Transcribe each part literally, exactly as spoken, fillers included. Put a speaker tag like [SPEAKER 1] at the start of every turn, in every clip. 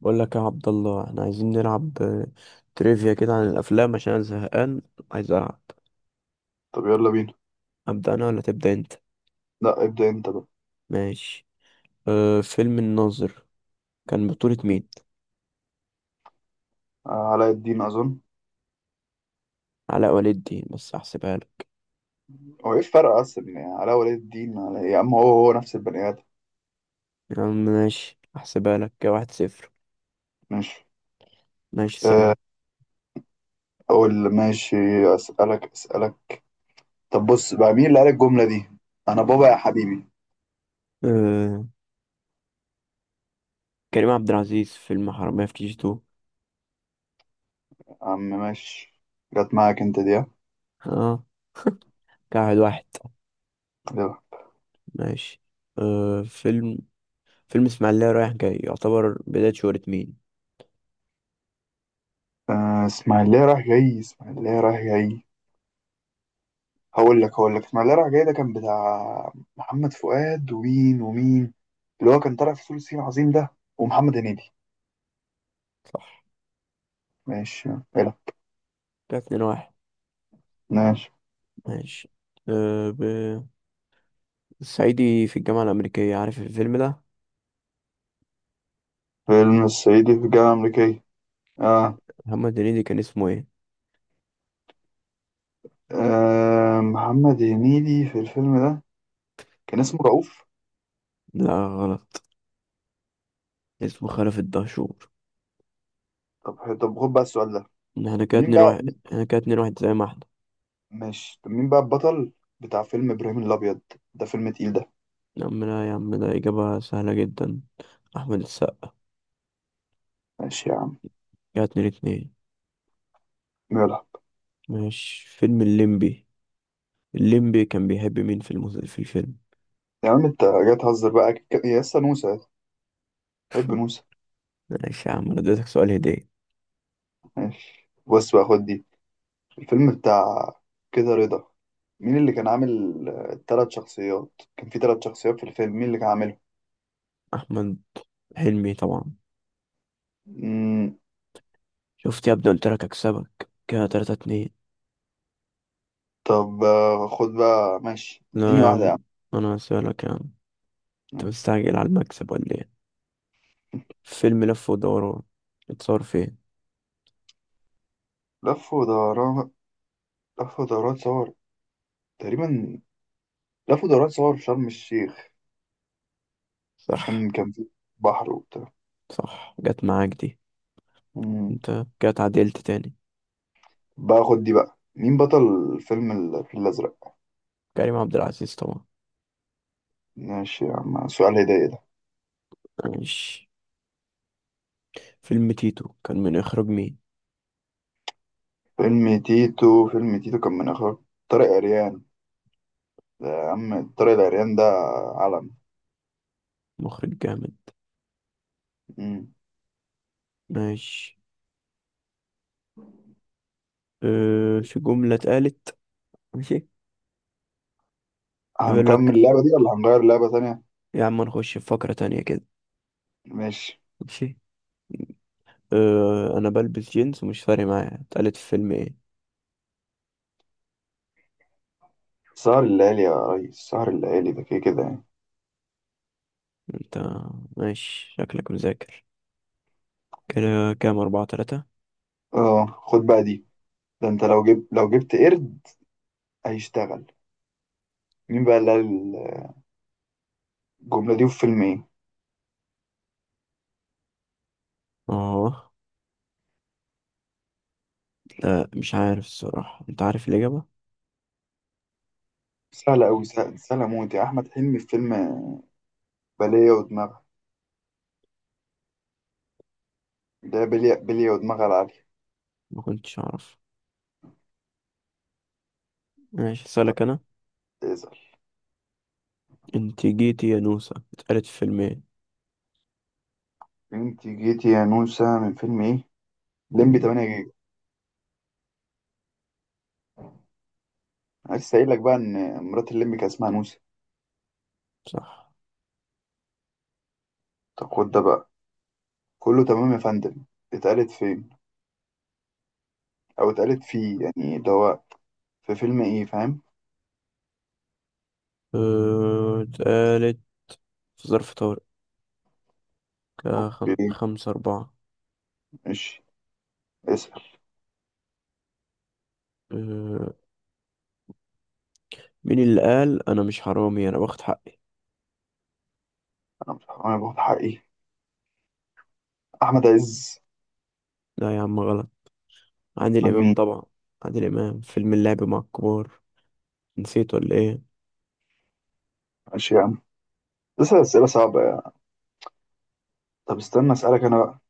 [SPEAKER 1] بقول لك يا عبد الله، احنا عايزين نلعب آه، تريفيا كده عن الافلام عشان انا زهقان عايز العب.
[SPEAKER 2] طب يلا بينا.
[SPEAKER 1] ابدا انا ولا تبدا انت؟
[SPEAKER 2] لا ابدأ انت بقى.
[SPEAKER 1] ماشي. أه فيلم الناظر كان بطولة مين؟
[SPEAKER 2] آه، علاء الدين اظن.
[SPEAKER 1] علاء ولي الدين، بس احسبها لك.
[SPEAKER 2] هو ايه الفرق اصلا يعني علاء ولي الدين على إيه؟ يا عم هو هو نفس البني ادم.
[SPEAKER 1] يا عم ماشي، احسبها لك كده واحد صفر.
[SPEAKER 2] ماشي.
[SPEAKER 1] ماشي سهل.
[SPEAKER 2] آه، اقول ماشي. اسالك اسالك طب بص بقى، مين اللي قال الجملة دي: انا بابا يا حبيبي؟
[SPEAKER 1] أه كريم عبد العزيز، فيلم حرامية في كي جي تو.
[SPEAKER 2] يا عم ماشي. جت معاك انت دي ها؟
[SPEAKER 1] اه كده واحد واحد.
[SPEAKER 2] يلا.
[SPEAKER 1] ماشي، أه فيلم فيلم اسماعيلية رايح جاي يعتبر بداية شهرة مين؟
[SPEAKER 2] آه، اسماعيلية رايح جاي اسماعيلية رايح جاي هقول لك هقول لك اسماعيلية رايح جاي ده كان بتاع محمد فؤاد ومين ومين، اللي هو كان طالع في فول الصين العظيم ده، ومحمد هنيدي.
[SPEAKER 1] صح،
[SPEAKER 2] ماشي. يلا.
[SPEAKER 1] كده اتنين واحد.
[SPEAKER 2] ماشي.
[SPEAKER 1] ماشي، أه ب... الصعيدي في الجامعة الأمريكية، عارف الفيلم ده؟
[SPEAKER 2] فيلم الصعيدي في الجامعة الأمريكية. آه.
[SPEAKER 1] محمد هنيدي كان اسمه ايه؟
[SPEAKER 2] آه محمد هنيدي في الفيلم ده كان اسمه رؤوف.
[SPEAKER 1] لا غلط، اسمه خلف الدهشور.
[SPEAKER 2] طب ح- طب خد بقى السؤال ده.
[SPEAKER 1] احنا كده
[SPEAKER 2] مين
[SPEAKER 1] اتنين
[SPEAKER 2] بقى؟
[SPEAKER 1] واحد احنا كده اتنين واحد زي ما احنا.
[SPEAKER 2] ماشي، طب مين بقى البطل بتاع فيلم إبراهيم الأبيض؟ ده فيلم تقيل ده.
[SPEAKER 1] يا عم لا يا عم، ده إجابة سهلة جدا، أحمد السقا.
[SPEAKER 2] ماشي يا عم.
[SPEAKER 1] كده اتنين اتنين.
[SPEAKER 2] يلا.
[SPEAKER 1] ماشي، فيلم الليمبي، الليمبي كان بيحب مين في المس... في الفيلم؟
[SPEAKER 2] يا عم أنت جاي تهزر بقى، أكيد كان- يا لسه نوسة، حب نوسة.
[SPEAKER 1] ماشي يا عم، انا اديتك سؤال هدية،
[SPEAKER 2] ماشي، بص بقى خد دي. الفيلم بتاع كده رضا، مين اللي كان عامل الثلاث شخصيات؟ كان في ثلاث شخصيات في الفيلم، مين اللي كان
[SPEAKER 1] احمد حلمي طبعا.
[SPEAKER 2] عاملهم؟
[SPEAKER 1] شفت يا ابني، قلت لك اكسبك كده تلاتة اتنين.
[SPEAKER 2] طب آه، خد بقى ماشي، اديني
[SPEAKER 1] لا يا
[SPEAKER 2] واحدة
[SPEAKER 1] عم،
[SPEAKER 2] يا
[SPEAKER 1] انا هسألك يا عم، انت
[SPEAKER 2] عم.
[SPEAKER 1] مستعجل على المكسب ولا ايه؟ فيلم لف ودوران اتصور فين؟
[SPEAKER 2] لف ودوران. لف ودوران صور تقريبا لف ودوران صور في شرم الشيخ،
[SPEAKER 1] صح.
[SPEAKER 2] عشان كان في بحر وبتاع.
[SPEAKER 1] صح، جت معاك دي.
[SPEAKER 2] مم.
[SPEAKER 1] انت كده اتعدلت تاني.
[SPEAKER 2] بقى خد دي، بقى مين بطل فيلم الفيل الأزرق؟
[SPEAKER 1] كريم عبد العزيز طبعا.
[SPEAKER 2] ماشي يا عم، سؤال هداية ده.
[SPEAKER 1] ماشي، فيلم تيتو كان من اخراج مين؟
[SPEAKER 2] فيلم تيتو فيلم تيتو كان من إخراج طارق عريان. ده يا عم طارق العريان ده علم.
[SPEAKER 1] مخرج جامد.
[SPEAKER 2] مم.
[SPEAKER 1] ماشي، أه في جملة اتقالت. ماشي، يقول
[SPEAKER 2] هنكمل
[SPEAKER 1] لك
[SPEAKER 2] اللعبة دي ولا هنغير لعبة تانية؟
[SPEAKER 1] يا عم، نخش في فقرة تانية كده.
[SPEAKER 2] ماشي.
[SPEAKER 1] ماشي، أه أنا بلبس جينز ومش فارق معايا اتقالت في فيلم إيه؟
[SPEAKER 2] سهر الليالي يا ريس، سهر الليالي ده كده كده يعني.
[SPEAKER 1] أنت ماشي، شكلك مذاكر كده، كام أربعة تلاتة.
[SPEAKER 2] اه خد بقى دي. ده انت لو جبت لو جبت قرد هيشتغل. مين بقى اللي قال الجملة دي في فيلم ايه؟
[SPEAKER 1] أه لا مش عارف الصراحة، أنت عارف الإجابة.
[SPEAKER 2] سهلة أوي سهلة, سهلة موت يا أحمد حلمي في فيلم بلية ودماغها اللي هي بلية بلية ودماغها العالية.
[SPEAKER 1] ما كنتش أعرف. ماشي
[SPEAKER 2] طب
[SPEAKER 1] أسألك أنا،
[SPEAKER 2] اسأل.
[SPEAKER 1] انت جيتي يا نوسة اتقالت في فيلمين.
[SPEAKER 2] انت جيتي يا نوسة من فيلم ايه؟ ليمبي
[SPEAKER 1] مم.
[SPEAKER 2] تمانية جيجا. أنا لسه قايل لك بقى إن مرات الليمبي كان اسمها نوسة.
[SPEAKER 1] صح.
[SPEAKER 2] طب خد ده بقى: كله تمام يا فندم، اتقالت فين؟ أو اتقالت فيه يعني ده هو، في فيلم ايه فاهم؟
[SPEAKER 1] اه، اتقالت في ظرف طارق، كا خم...
[SPEAKER 2] اوكي،
[SPEAKER 1] خمسة أربعة.
[SPEAKER 2] ماشي، اسأل.
[SPEAKER 1] اه، مين اللي قال أنا مش حرامي أنا باخد حقي؟
[SPEAKER 2] أنا مش- أنا باخد حقي، أحمد عز.
[SPEAKER 1] لا يا عم غلط، عادل
[SPEAKER 2] من
[SPEAKER 1] إمام
[SPEAKER 2] مين؟
[SPEAKER 1] طبعا، عادل إمام فيلم اللعب مع الكبار، نسيت ولا إيه؟
[SPEAKER 2] ماشي يا عم، بس أسئلة صعبة يعني. طب استنى أسألك أنا بقى.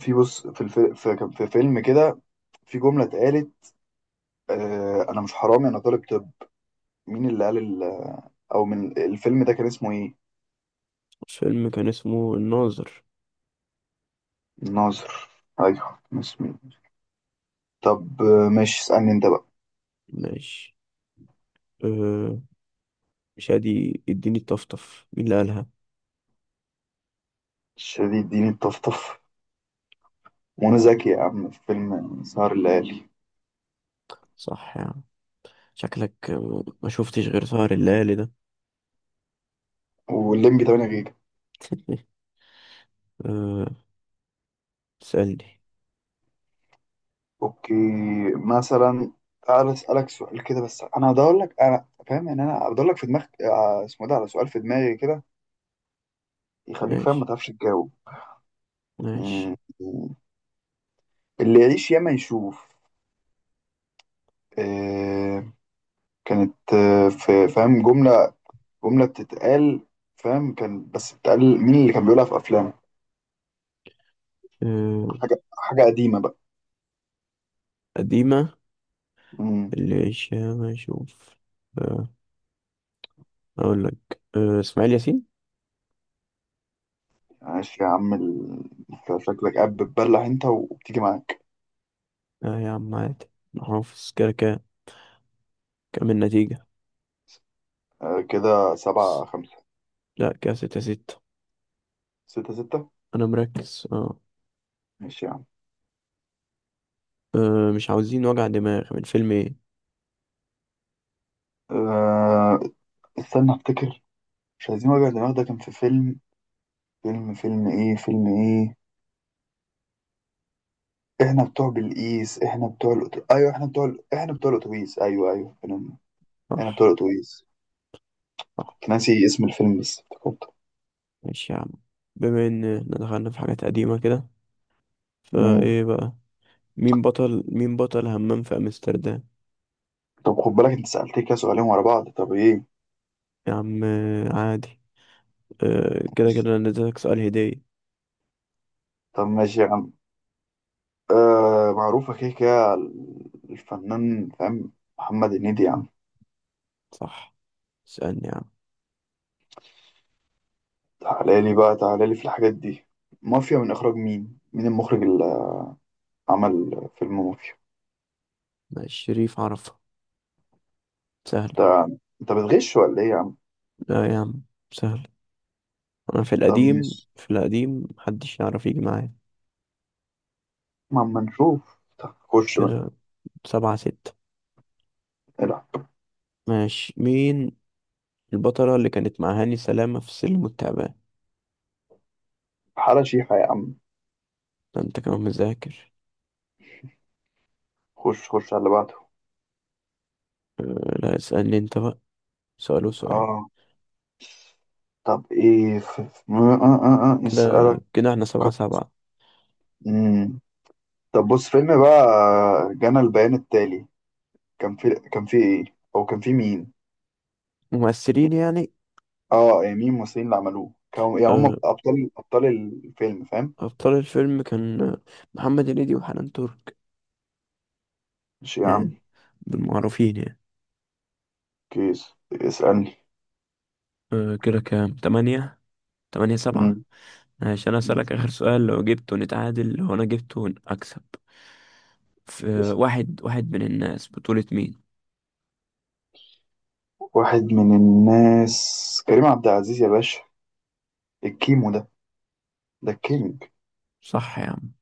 [SPEAKER 2] في بص في الف... في... كان في فيلم كده، في جملة اتقالت: آه أنا مش حرامي أنا طالب. طب مين اللي قال ال... أو من الفيلم ده كان اسمه إيه؟
[SPEAKER 1] الفيلم كان اسمه الناظر.
[SPEAKER 2] الناظر. أيوه كان اسمه إيه؟ طب آه، ماشي، اسألني أنت بقى.
[SPEAKER 1] ماشي، اه، مش هادي اديني الطفطف، مين اللي قالها؟
[SPEAKER 2] شديد، اديني الطفطف، وأنا ذكي، يا عم في فيلم سهر الليالي
[SPEAKER 1] صح يا عم، شكلك اه، ما شفتش غير سهر الليالي ده.
[SPEAKER 2] والليمبي تمانية جيجا.
[SPEAKER 1] اه، تسألني.
[SPEAKER 2] أوكي. مثلا تعالى أسألك سؤال كده، بس أنا هدور لك. أنا فاهم يعني، أنا هدور لك في دماغك آه، اسمه ده، على سؤال في دماغي كده يخليك فاهم ما
[SPEAKER 1] ماشي،
[SPEAKER 2] تعرفش تجاوب.
[SPEAKER 1] ماشي.
[SPEAKER 2] مم. اللي يعيش ياما يشوف. آه كانت آه في فاهم جملة، جملة بتتقال، فاهم كان بس بتتقال، مين اللي كان بيقولها في أفلام؟
[SPEAKER 1] أه
[SPEAKER 2] حاجة حاجة قديمة بقى.
[SPEAKER 1] قديمة.
[SPEAKER 2] مم.
[SPEAKER 1] اللي شام أشوف. أه أقول لك أه إسماعيل ياسين.
[SPEAKER 2] عاش يا عم ال... أنت شكلك قاعد بتبلح أنت وبتيجي معاك.
[SPEAKER 1] أه يا عم عادي، أنا حافظ كده كده. كام النتيجة؟
[SPEAKER 2] آه كده سبعة خمسة.
[SPEAKER 1] لا، كده ستة ستة.
[SPEAKER 2] ستة ستة.
[SPEAKER 1] أنا مركز أه
[SPEAKER 2] ماشي يا عم.
[SPEAKER 1] أه مش عاوزين وجع دماغ من فيلم إيه؟
[SPEAKER 2] آه استنى أفتكر. مش عايزين وجع دماغ، ده كان في فيلم فيلم فيلم إيه فيلم إيه احنا بتوع بالقيس احنا بتوع الأتو... ايوه احنا بتوع ال... احنا بتوع الاتوبيس، ايوه ايوه، احنا إحنا بتوع
[SPEAKER 1] صح،
[SPEAKER 2] الاتوبيس.
[SPEAKER 1] صح.
[SPEAKER 2] كنت ناسي اسم الفيلم بس افتكرته.
[SPEAKER 1] ماشي يا عم، بما إن دخلنا في حاجات قديمة كده،
[SPEAKER 2] أمم.
[SPEAKER 1] فإيه بقى؟ مين بطل مين بطل همام في أمستردام؟
[SPEAKER 2] طب خد بالك انت سألتني كده سؤالين ورا بعض. طب ايه
[SPEAKER 1] يا عم، آه، عادي، أه كده
[SPEAKER 2] ماشي.
[SPEAKER 1] كده أنا اديتك سؤال هدية.
[SPEAKER 2] طب ماشي يا عم، آه معروفة كده كده، الفنان فاهم، محمد هنيدي يا عم.
[SPEAKER 1] صح، اسألني يا عم.
[SPEAKER 2] تعالى لي بقى، تعالى لي في الحاجات دي. مافيا من اخراج مين؟ مين المخرج اللي عمل فيلم مافيا؟
[SPEAKER 1] ماشي، شريف عرفة، سهل.
[SPEAKER 2] انت انت بتغش ولا ايه يا عم؟
[SPEAKER 1] لا يا عم، سهل، أنا في
[SPEAKER 2] طب
[SPEAKER 1] القديم
[SPEAKER 2] ماشي،
[SPEAKER 1] في القديم محدش يعرف يجي معايا.
[SPEAKER 2] ما اما نشوف، طب خش
[SPEAKER 1] كده سبعة ستة.
[SPEAKER 2] بقى.
[SPEAKER 1] ماشي، مين البطلة اللي كانت مع هاني سلامة في سلم والتعبان؟
[SPEAKER 2] حالة شيحة يا عم.
[SPEAKER 1] ده أنت كمان مذاكر.
[SPEAKER 2] خش خش على اللي بعده.
[SPEAKER 1] أه، لا اسألني أنت بقى، سؤال وسؤال،
[SPEAKER 2] اه طب ايه ف... ف- م- آه آه آه. آه،
[SPEAKER 1] كده
[SPEAKER 2] نسألك.
[SPEAKER 1] كده احنا سبعة سبعة.
[SPEAKER 2] مم. طب بص فيلم بقى، جانا البيان التالي، كان في، كان في ايه او كان في مين؟
[SPEAKER 1] ممثلين يعني؟
[SPEAKER 2] اه إيه مين الممثلين اللي عملوه، كانوا يعني هم
[SPEAKER 1] أه،
[SPEAKER 2] ابطال، ابطال الفيلم فاهم؟
[SPEAKER 1] أبطال الفيلم كان محمد هنيدي وحنان ترك
[SPEAKER 2] ماشي يا
[SPEAKER 1] يعني،
[SPEAKER 2] عم.
[SPEAKER 1] بالمعروفين يعني.
[SPEAKER 2] كيس اسألني.
[SPEAKER 1] أه، كده كام تمانية، تمانية سبعة.
[SPEAKER 2] مم.
[SPEAKER 1] عشان أسألك آخر سؤال، لو جبته نتعادل، لو أنا جبته أكسب. في
[SPEAKER 2] اسأل.
[SPEAKER 1] واحد واحد من الناس، بطولة مين؟
[SPEAKER 2] واحد من الناس، كريم عبد العزيز يا باشا، الكيمو ده، ده الكينج.
[SPEAKER 1] صح يا عم.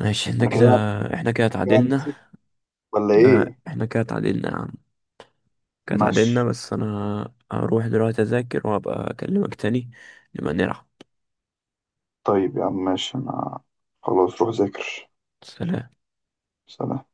[SPEAKER 1] ماشي، احنا
[SPEAKER 2] انا
[SPEAKER 1] كده
[SPEAKER 2] كده
[SPEAKER 1] احنا كده
[SPEAKER 2] كده
[SPEAKER 1] اتعادلنا.
[SPEAKER 2] نسيت ولا
[SPEAKER 1] لا
[SPEAKER 2] ايه؟
[SPEAKER 1] احنا كده اتعادلنا يا عم، كده
[SPEAKER 2] ماشي.
[SPEAKER 1] اتعادلنا بس أنا هروح دلوقتي أذاكر وأبقى أكلمك تاني، نبقى نلعب.
[SPEAKER 2] طيب يا عم ماشي، انا خلاص روح ذاكر.
[SPEAKER 1] سلام.
[SPEAKER 2] سلام.